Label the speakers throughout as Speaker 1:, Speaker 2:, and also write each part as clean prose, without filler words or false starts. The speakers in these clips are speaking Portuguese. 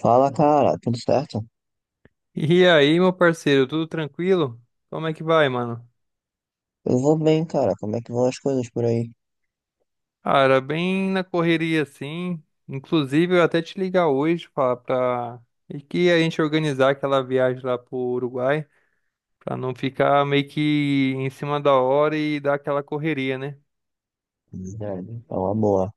Speaker 1: Fala, cara, tudo certo?
Speaker 2: E aí, meu parceiro, tudo tranquilo? Como é que vai, mano?
Speaker 1: Eu vou bem, cara. Como é que vão as coisas por aí?
Speaker 2: Cara, bem na correria assim. Inclusive, eu até te ligar hoje falar pra. E que a gente organizar aquela viagem lá pro Uruguai, pra não ficar meio que em cima da hora e dar aquela correria, né?
Speaker 1: Verdade. É uma boa.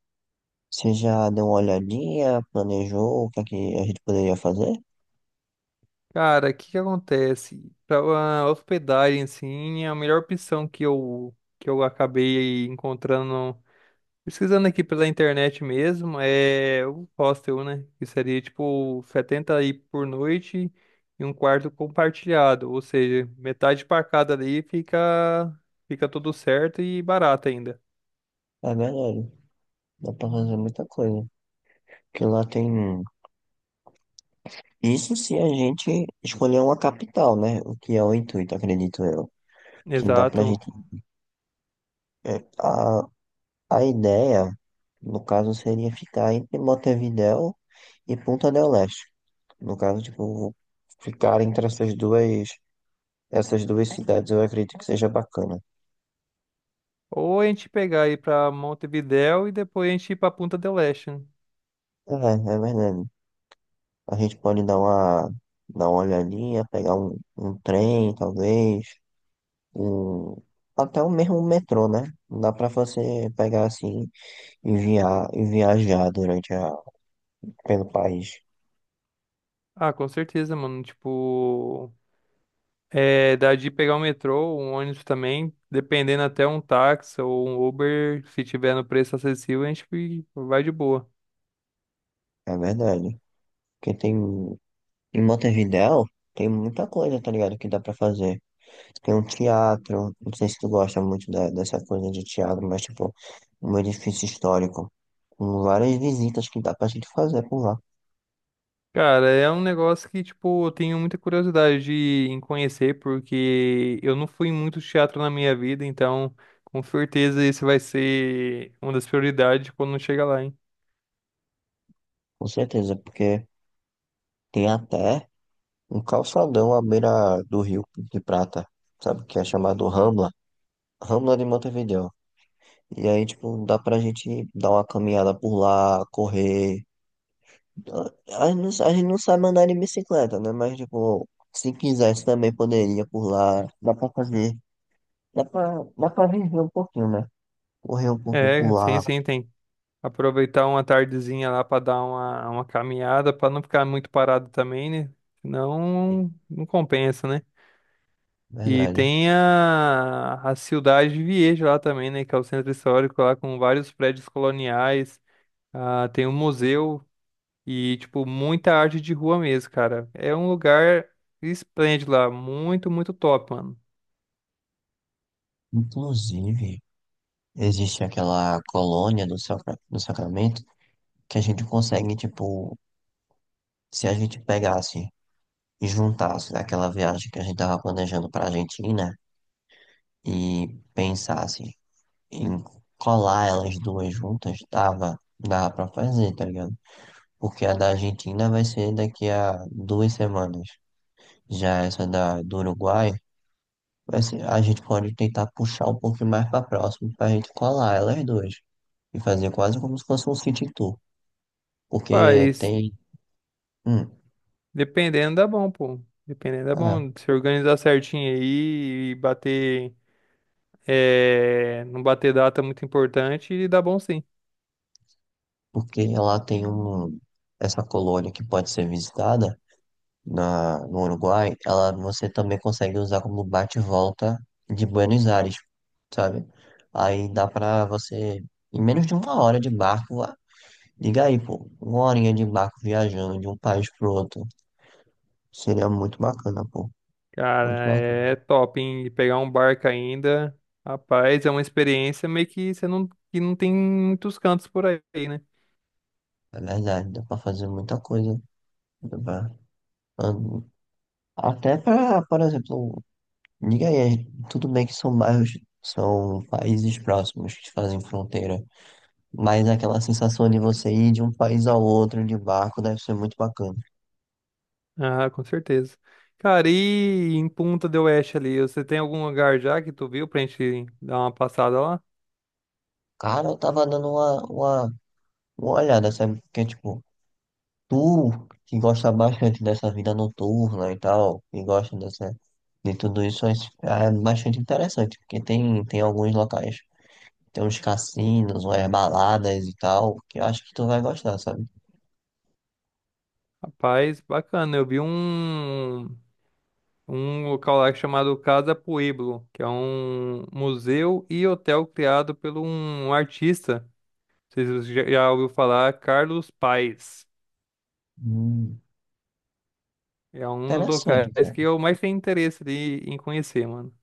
Speaker 1: Você já deu uma olhadinha, planejou o que é que a gente poderia fazer?
Speaker 2: Cara, o que que acontece? Pra a hospedagem, assim, é a melhor opção que eu acabei encontrando. Pesquisando aqui pela internet mesmo, é o hostel, né? Que seria tipo 70 aí por noite e um quarto compartilhado, ou seja, metade para cada ali fica fica tudo certo e barato ainda.
Speaker 1: É verdade. Dá pra fazer muita coisa. Porque lá tem. Isso se a gente escolher uma capital, né? O que é o intuito, acredito eu. Que dá pra gente.
Speaker 2: Exato.
Speaker 1: é, A, a ideia, no caso, seria ficar entre Montevidéu e Punta del Este. No caso, tipo, ficar entre essas duas cidades, eu acredito que seja bacana.
Speaker 2: Ou a gente pegar aí pra Montevidéu e depois a gente ir pra Punta del Este, né?
Speaker 1: É verdade. A gente pode dar uma olhadinha, pegar um trem, talvez, um, até o mesmo metrô, né? Dá pra você pegar assim. E viajar pelo país.
Speaker 2: Ah, com certeza, mano. Tipo, é, dá de pegar um metrô, um ônibus também, dependendo até um táxi ou um Uber, se tiver no preço acessível, a gente vai de boa.
Speaker 1: É verdade. Porque em Montevidéu, tem muita coisa, tá ligado? Que dá pra fazer. Tem um teatro, não sei se tu gosta muito dessa coisa de teatro, mas tipo, um edifício histórico. Com várias visitas que dá pra gente fazer por lá.
Speaker 2: Cara, é um negócio que, tipo, eu tenho muita curiosidade de, em conhecer, porque eu não fui em muito teatro na minha vida, então, com certeza, esse vai ser uma das prioridades quando chega lá, hein?
Speaker 1: Com certeza. Porque tem até um calçadão à beira do Rio de Prata, sabe? Que é chamado Rambla. Rambla de Montevidéu. E aí, tipo, dá pra gente dar uma caminhada por lá, correr. A gente não sabe andar de bicicleta, né? Mas, tipo, se quisesse também poderia por lá. Dá pra fazer. Dá pra viver um pouquinho, né? Correr um pouquinho
Speaker 2: É,
Speaker 1: por
Speaker 2: sim,
Speaker 1: lá.
Speaker 2: sim, tem. Aproveitar uma tardezinha lá para dar uma caminhada, para não ficar muito parado também, né? Senão não compensa, né? E
Speaker 1: Verdade.
Speaker 2: tem a Cidade de Viejo lá também, né? Que é o centro histórico lá com vários prédios coloniais. Ah, tem um museu e, tipo, muita arte de rua mesmo, cara. É um lugar esplêndido lá. Muito, muito top, mano.
Speaker 1: Inclusive, existe aquela colônia do Sacramento que a gente consegue, tipo, se a gente pegasse e juntasse aquela viagem que a gente tava planejando pra Argentina e pensasse. E colar elas duas juntas, dava pra fazer, tá ligado? Porque a da Argentina vai ser daqui a 2 semanas. Já essa da do Uruguai, a gente pode tentar puxar um pouquinho mais pra próximo pra gente colar elas duas. E fazer quase como se fosse um city tour. Porque
Speaker 2: Mas
Speaker 1: tem. Hum,
Speaker 2: dependendo dá bom, pô. Dependendo dá
Speaker 1: é,
Speaker 2: bom. Se organizar certinho aí e bater. É, não bater data é muito importante e dá bom sim.
Speaker 1: porque ela tem essa colônia que pode ser visitada. No Uruguai, ela você também consegue usar como bate-volta de Buenos Aires, sabe? Aí dá pra você, em menos de uma hora de barco, liga aí, pô, uma horinha de barco viajando de um país pro outro. Seria muito bacana, pô. Muito
Speaker 2: Cara,
Speaker 1: bacana.
Speaker 2: é top, hein? E pegar um barco ainda, rapaz, é uma experiência meio que você não, que não tem muitos cantos por aí, né?
Speaker 1: É verdade, dá pra fazer muita coisa. Dá pra- an- Até pra, por exemplo, liga aí, tudo bem que são bairros, são países próximos que fazem fronteira. Mas aquela sensação de você ir de um país ao outro de barco deve ser muito bacana.
Speaker 2: Ah, com certeza. Cara, e em Punta del Oeste ali, você tem algum lugar já que tu viu pra gente dar uma passada lá?
Speaker 1: Cara, eu tava dando uma olhada, sabe? Porque, tipo, tu que gosta bastante dessa vida noturna e tal, e gosta de tudo isso, é bastante interessante. Porque tem alguns locais, tem uns cassinos, umas baladas e tal, que eu acho que tu vai gostar, sabe?
Speaker 2: Rapaz, bacana. Eu vi um, um local lá chamado Casa Pueblo, que é um museu e hotel criado por um artista. Sei se você já, já ouviu falar, Carlos Paes.
Speaker 1: Hum,
Speaker 2: É um dos
Speaker 1: Interessante,
Speaker 2: locais que
Speaker 1: cara.
Speaker 2: eu mais tenho interesse de, em conhecer, mano.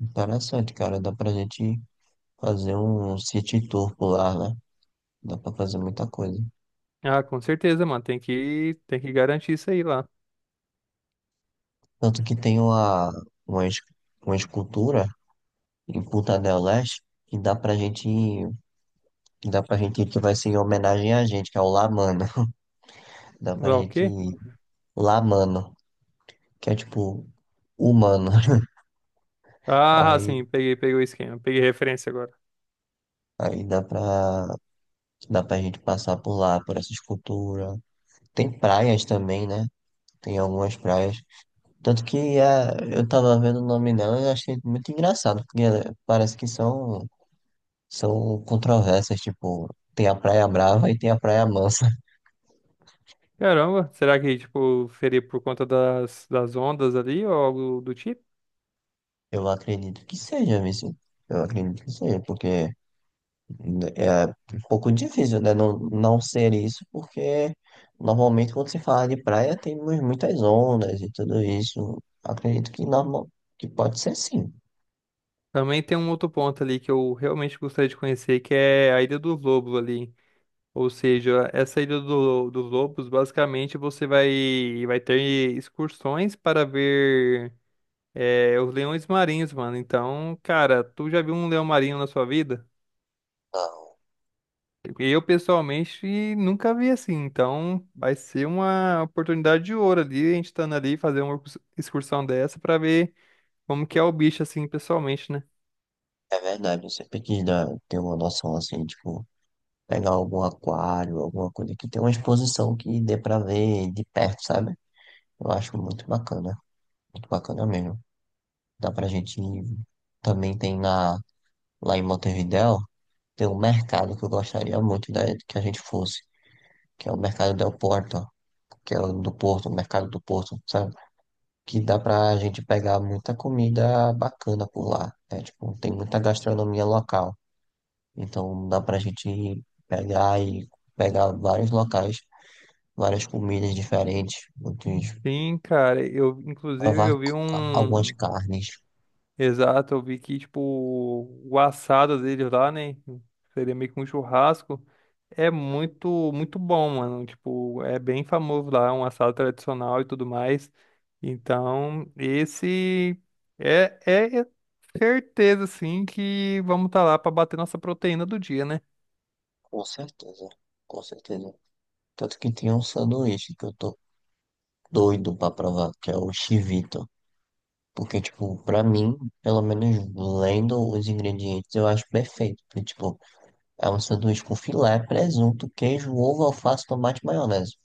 Speaker 1: Interessante, cara. Dá pra gente fazer um city tour por lá, né? Dá pra fazer muita coisa.
Speaker 2: Ah, com certeza, mano. Tem que garantir isso aí lá.
Speaker 1: Tanto que tem uma, es- uma escultura em Punta del Este que dá pra gente, que dá pra gente ir, que vai ser em homenagem a gente, que é o La Mano. Dá pra
Speaker 2: Lá o
Speaker 1: gente
Speaker 2: quê?
Speaker 1: ir La Mano, que é tipo humano.
Speaker 2: Ah,
Speaker 1: Aí,
Speaker 2: sim, peguei, peguei o esquema. Peguei referência agora.
Speaker 1: aí dá pra gente passar por lá, por essa escultura. Tem praias também, né? Tem algumas praias. Tanto que eu tava vendo o nome dela e achei muito engraçado, porque parece que são controvérsias, tipo, tem a Praia Brava e tem a Praia Mansa.
Speaker 2: Caramba, será que, tipo, seria por conta das, das ondas ali ou algo do tipo?
Speaker 1: Eu acredito que seja, Vici. Eu acredito que seja, porque é um pouco difícil, né? Não, não ser isso, porque normalmente quando se fala de praia tem muitas ondas e tudo isso. Acredito que, que pode ser sim.
Speaker 2: Também tem um outro ponto ali que eu realmente gostaria de conhecer, que é a Ilha dos Lobos ali. Ou seja, essa Ilha do- dos Lobos, basicamente você vai, vai ter excursões para ver é, os leões marinhos, mano. Então, cara, tu já viu um leão marinho na sua vida?
Speaker 1: Não,
Speaker 2: Eu, pessoalmente, nunca vi assim. Então, vai ser uma oportunidade de ouro ali, a gente estando ali, fazer uma excursão dessa para ver como que é o bicho, assim, pessoalmente, né?
Speaker 1: é verdade. Eu sempre quis ter uma noção assim, tipo, pegar algum aquário, alguma coisa que tenha uma exposição que dê pra ver de perto, sabe? Eu acho muito bacana. Muito bacana mesmo. Dá pra gente ir. Também tem lá em Montevidéu, tem um mercado que eu gostaria muito que a gente fosse, que é o Mercado del Porto, que é o do Porto, o Mercado do Porto, sabe? Que dá pra gente pegar muita comida bacana por lá. É, tipo, tem muita gastronomia local. Então dá pra gente ir pegar e pegar vários locais, várias comidas diferentes,
Speaker 2: Sim, cara, eu, inclusive,
Speaker 1: provar
Speaker 2: eu vi
Speaker 1: algumas
Speaker 2: um.
Speaker 1: carnes.
Speaker 2: Exato, eu vi que, tipo, o assado deles lá, né? Seria meio que um churrasco. É muito, muito bom, mano. Tipo, é bem famoso lá, um assado tradicional e tudo mais. Então, esse é, é certeza, sim, que vamos estar lá para bater nossa proteína do dia, né?
Speaker 1: Com certeza, com certeza. Tanto que tem um sanduíche que eu tô doido pra provar, que é o chivito. Porque, tipo, pra mim, pelo menos lendo os ingredientes, eu acho perfeito. Porque, tipo, é um sanduíche com filé, presunto, queijo, ovo, alface, tomate e maionese.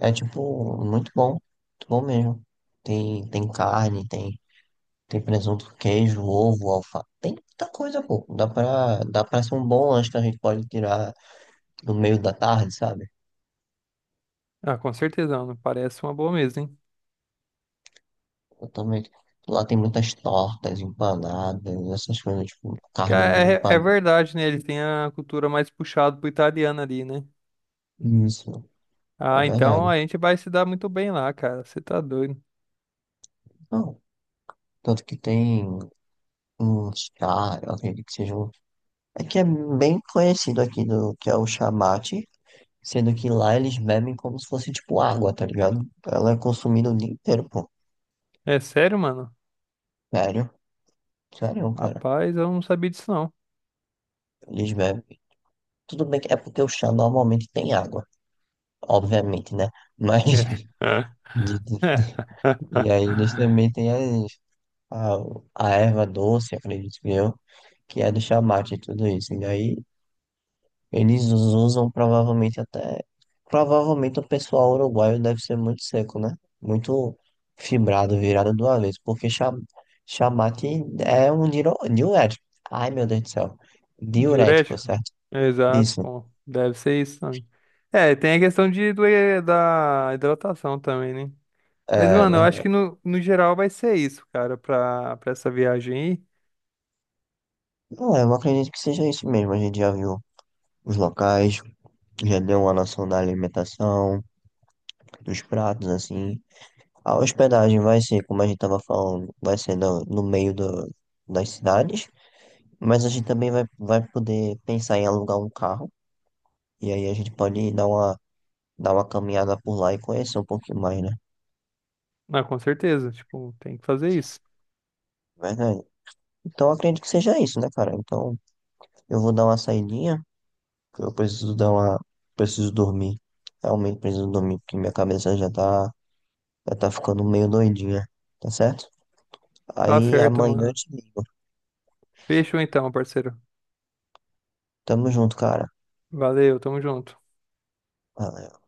Speaker 1: É, tipo, muito bom. Muito bom mesmo. Tem carne, tem presunto, queijo, ovo, alface. Tem muita coisa, pô. Dá pra ser um bom lanche que a gente pode tirar no meio da tarde, sabe?
Speaker 2: Ah, com certeza, mano. Parece uma boa mesa, hein?
Speaker 1: Exatamente. Lá tem muitas tortas, empanadas, essas coisas, tipo,
Speaker 2: Que
Speaker 1: carne
Speaker 2: é, é
Speaker 1: empanada.
Speaker 2: verdade, né? Eles têm a cultura mais puxada pro italiano ali, né?
Speaker 1: Isso, é
Speaker 2: Ah, então
Speaker 1: verdade.
Speaker 2: a gente vai se dar muito bem lá, cara. Você tá doido.
Speaker 1: Não, tanto que tem um chá, eu acredito que seja um... É que é bem conhecido aqui, que é o chamate, sendo que lá eles bebem como se fosse, tipo, água, tá ligado? Ela é consumida o dia inteiro, pô.
Speaker 2: É sério, mano?
Speaker 1: Sério, sério, cara.
Speaker 2: Rapaz, eu não sabia disso não.
Speaker 1: Eles bebem. Tudo bem que é porque o chá normalmente tem água, obviamente, né? Mas...
Speaker 2: É.
Speaker 1: de- de- E aí eles também têm a, a erva doce, acredito que é do chamate e tudo isso. E daí eles usam provavelmente até. Provavelmente o pessoal uruguaio deve ser muito seco, né? Muito fibrado, virado do avesso, porque chamate é um diurético. Ai, meu Deus do céu. Diurético,
Speaker 2: Diurético?
Speaker 1: certo?
Speaker 2: Exato,
Speaker 1: Isso.
Speaker 2: pô. Deve ser isso também. É, tem a questão de, do- da hidratação também, né? Mas,
Speaker 1: É
Speaker 2: mano, eu acho
Speaker 1: verdade.
Speaker 2: que no, no geral vai ser isso, cara, pra, pra essa viagem
Speaker 1: Não, eu acredito que seja isso mesmo. A gente já viu os locais, já deu uma noção da alimentação, dos pratos, assim. A hospedagem vai ser, como a gente estava falando, vai ser no meio das cidades, mas a gente também vai poder pensar em alugar um carro, e aí a gente pode dar uma caminhada por lá e conhecer um pouquinho mais, né?
Speaker 2: aí. Ah, com certeza, tipo, tem que fazer isso.
Speaker 1: Verdade. Então eu acredito que seja isso, né, cara? Então eu vou dar uma saidinha, que eu preciso dar uma. Preciso dormir. Realmente preciso dormir, porque minha cabeça já tá ficando meio doidinha, tá certo?
Speaker 2: Tá
Speaker 1: Aí
Speaker 2: certo,
Speaker 1: amanhã eu
Speaker 2: mano.
Speaker 1: te ligo.
Speaker 2: Fechou então, parceiro.
Speaker 1: Tamo junto, cara.
Speaker 2: Valeu, tamo junto.
Speaker 1: Valeu.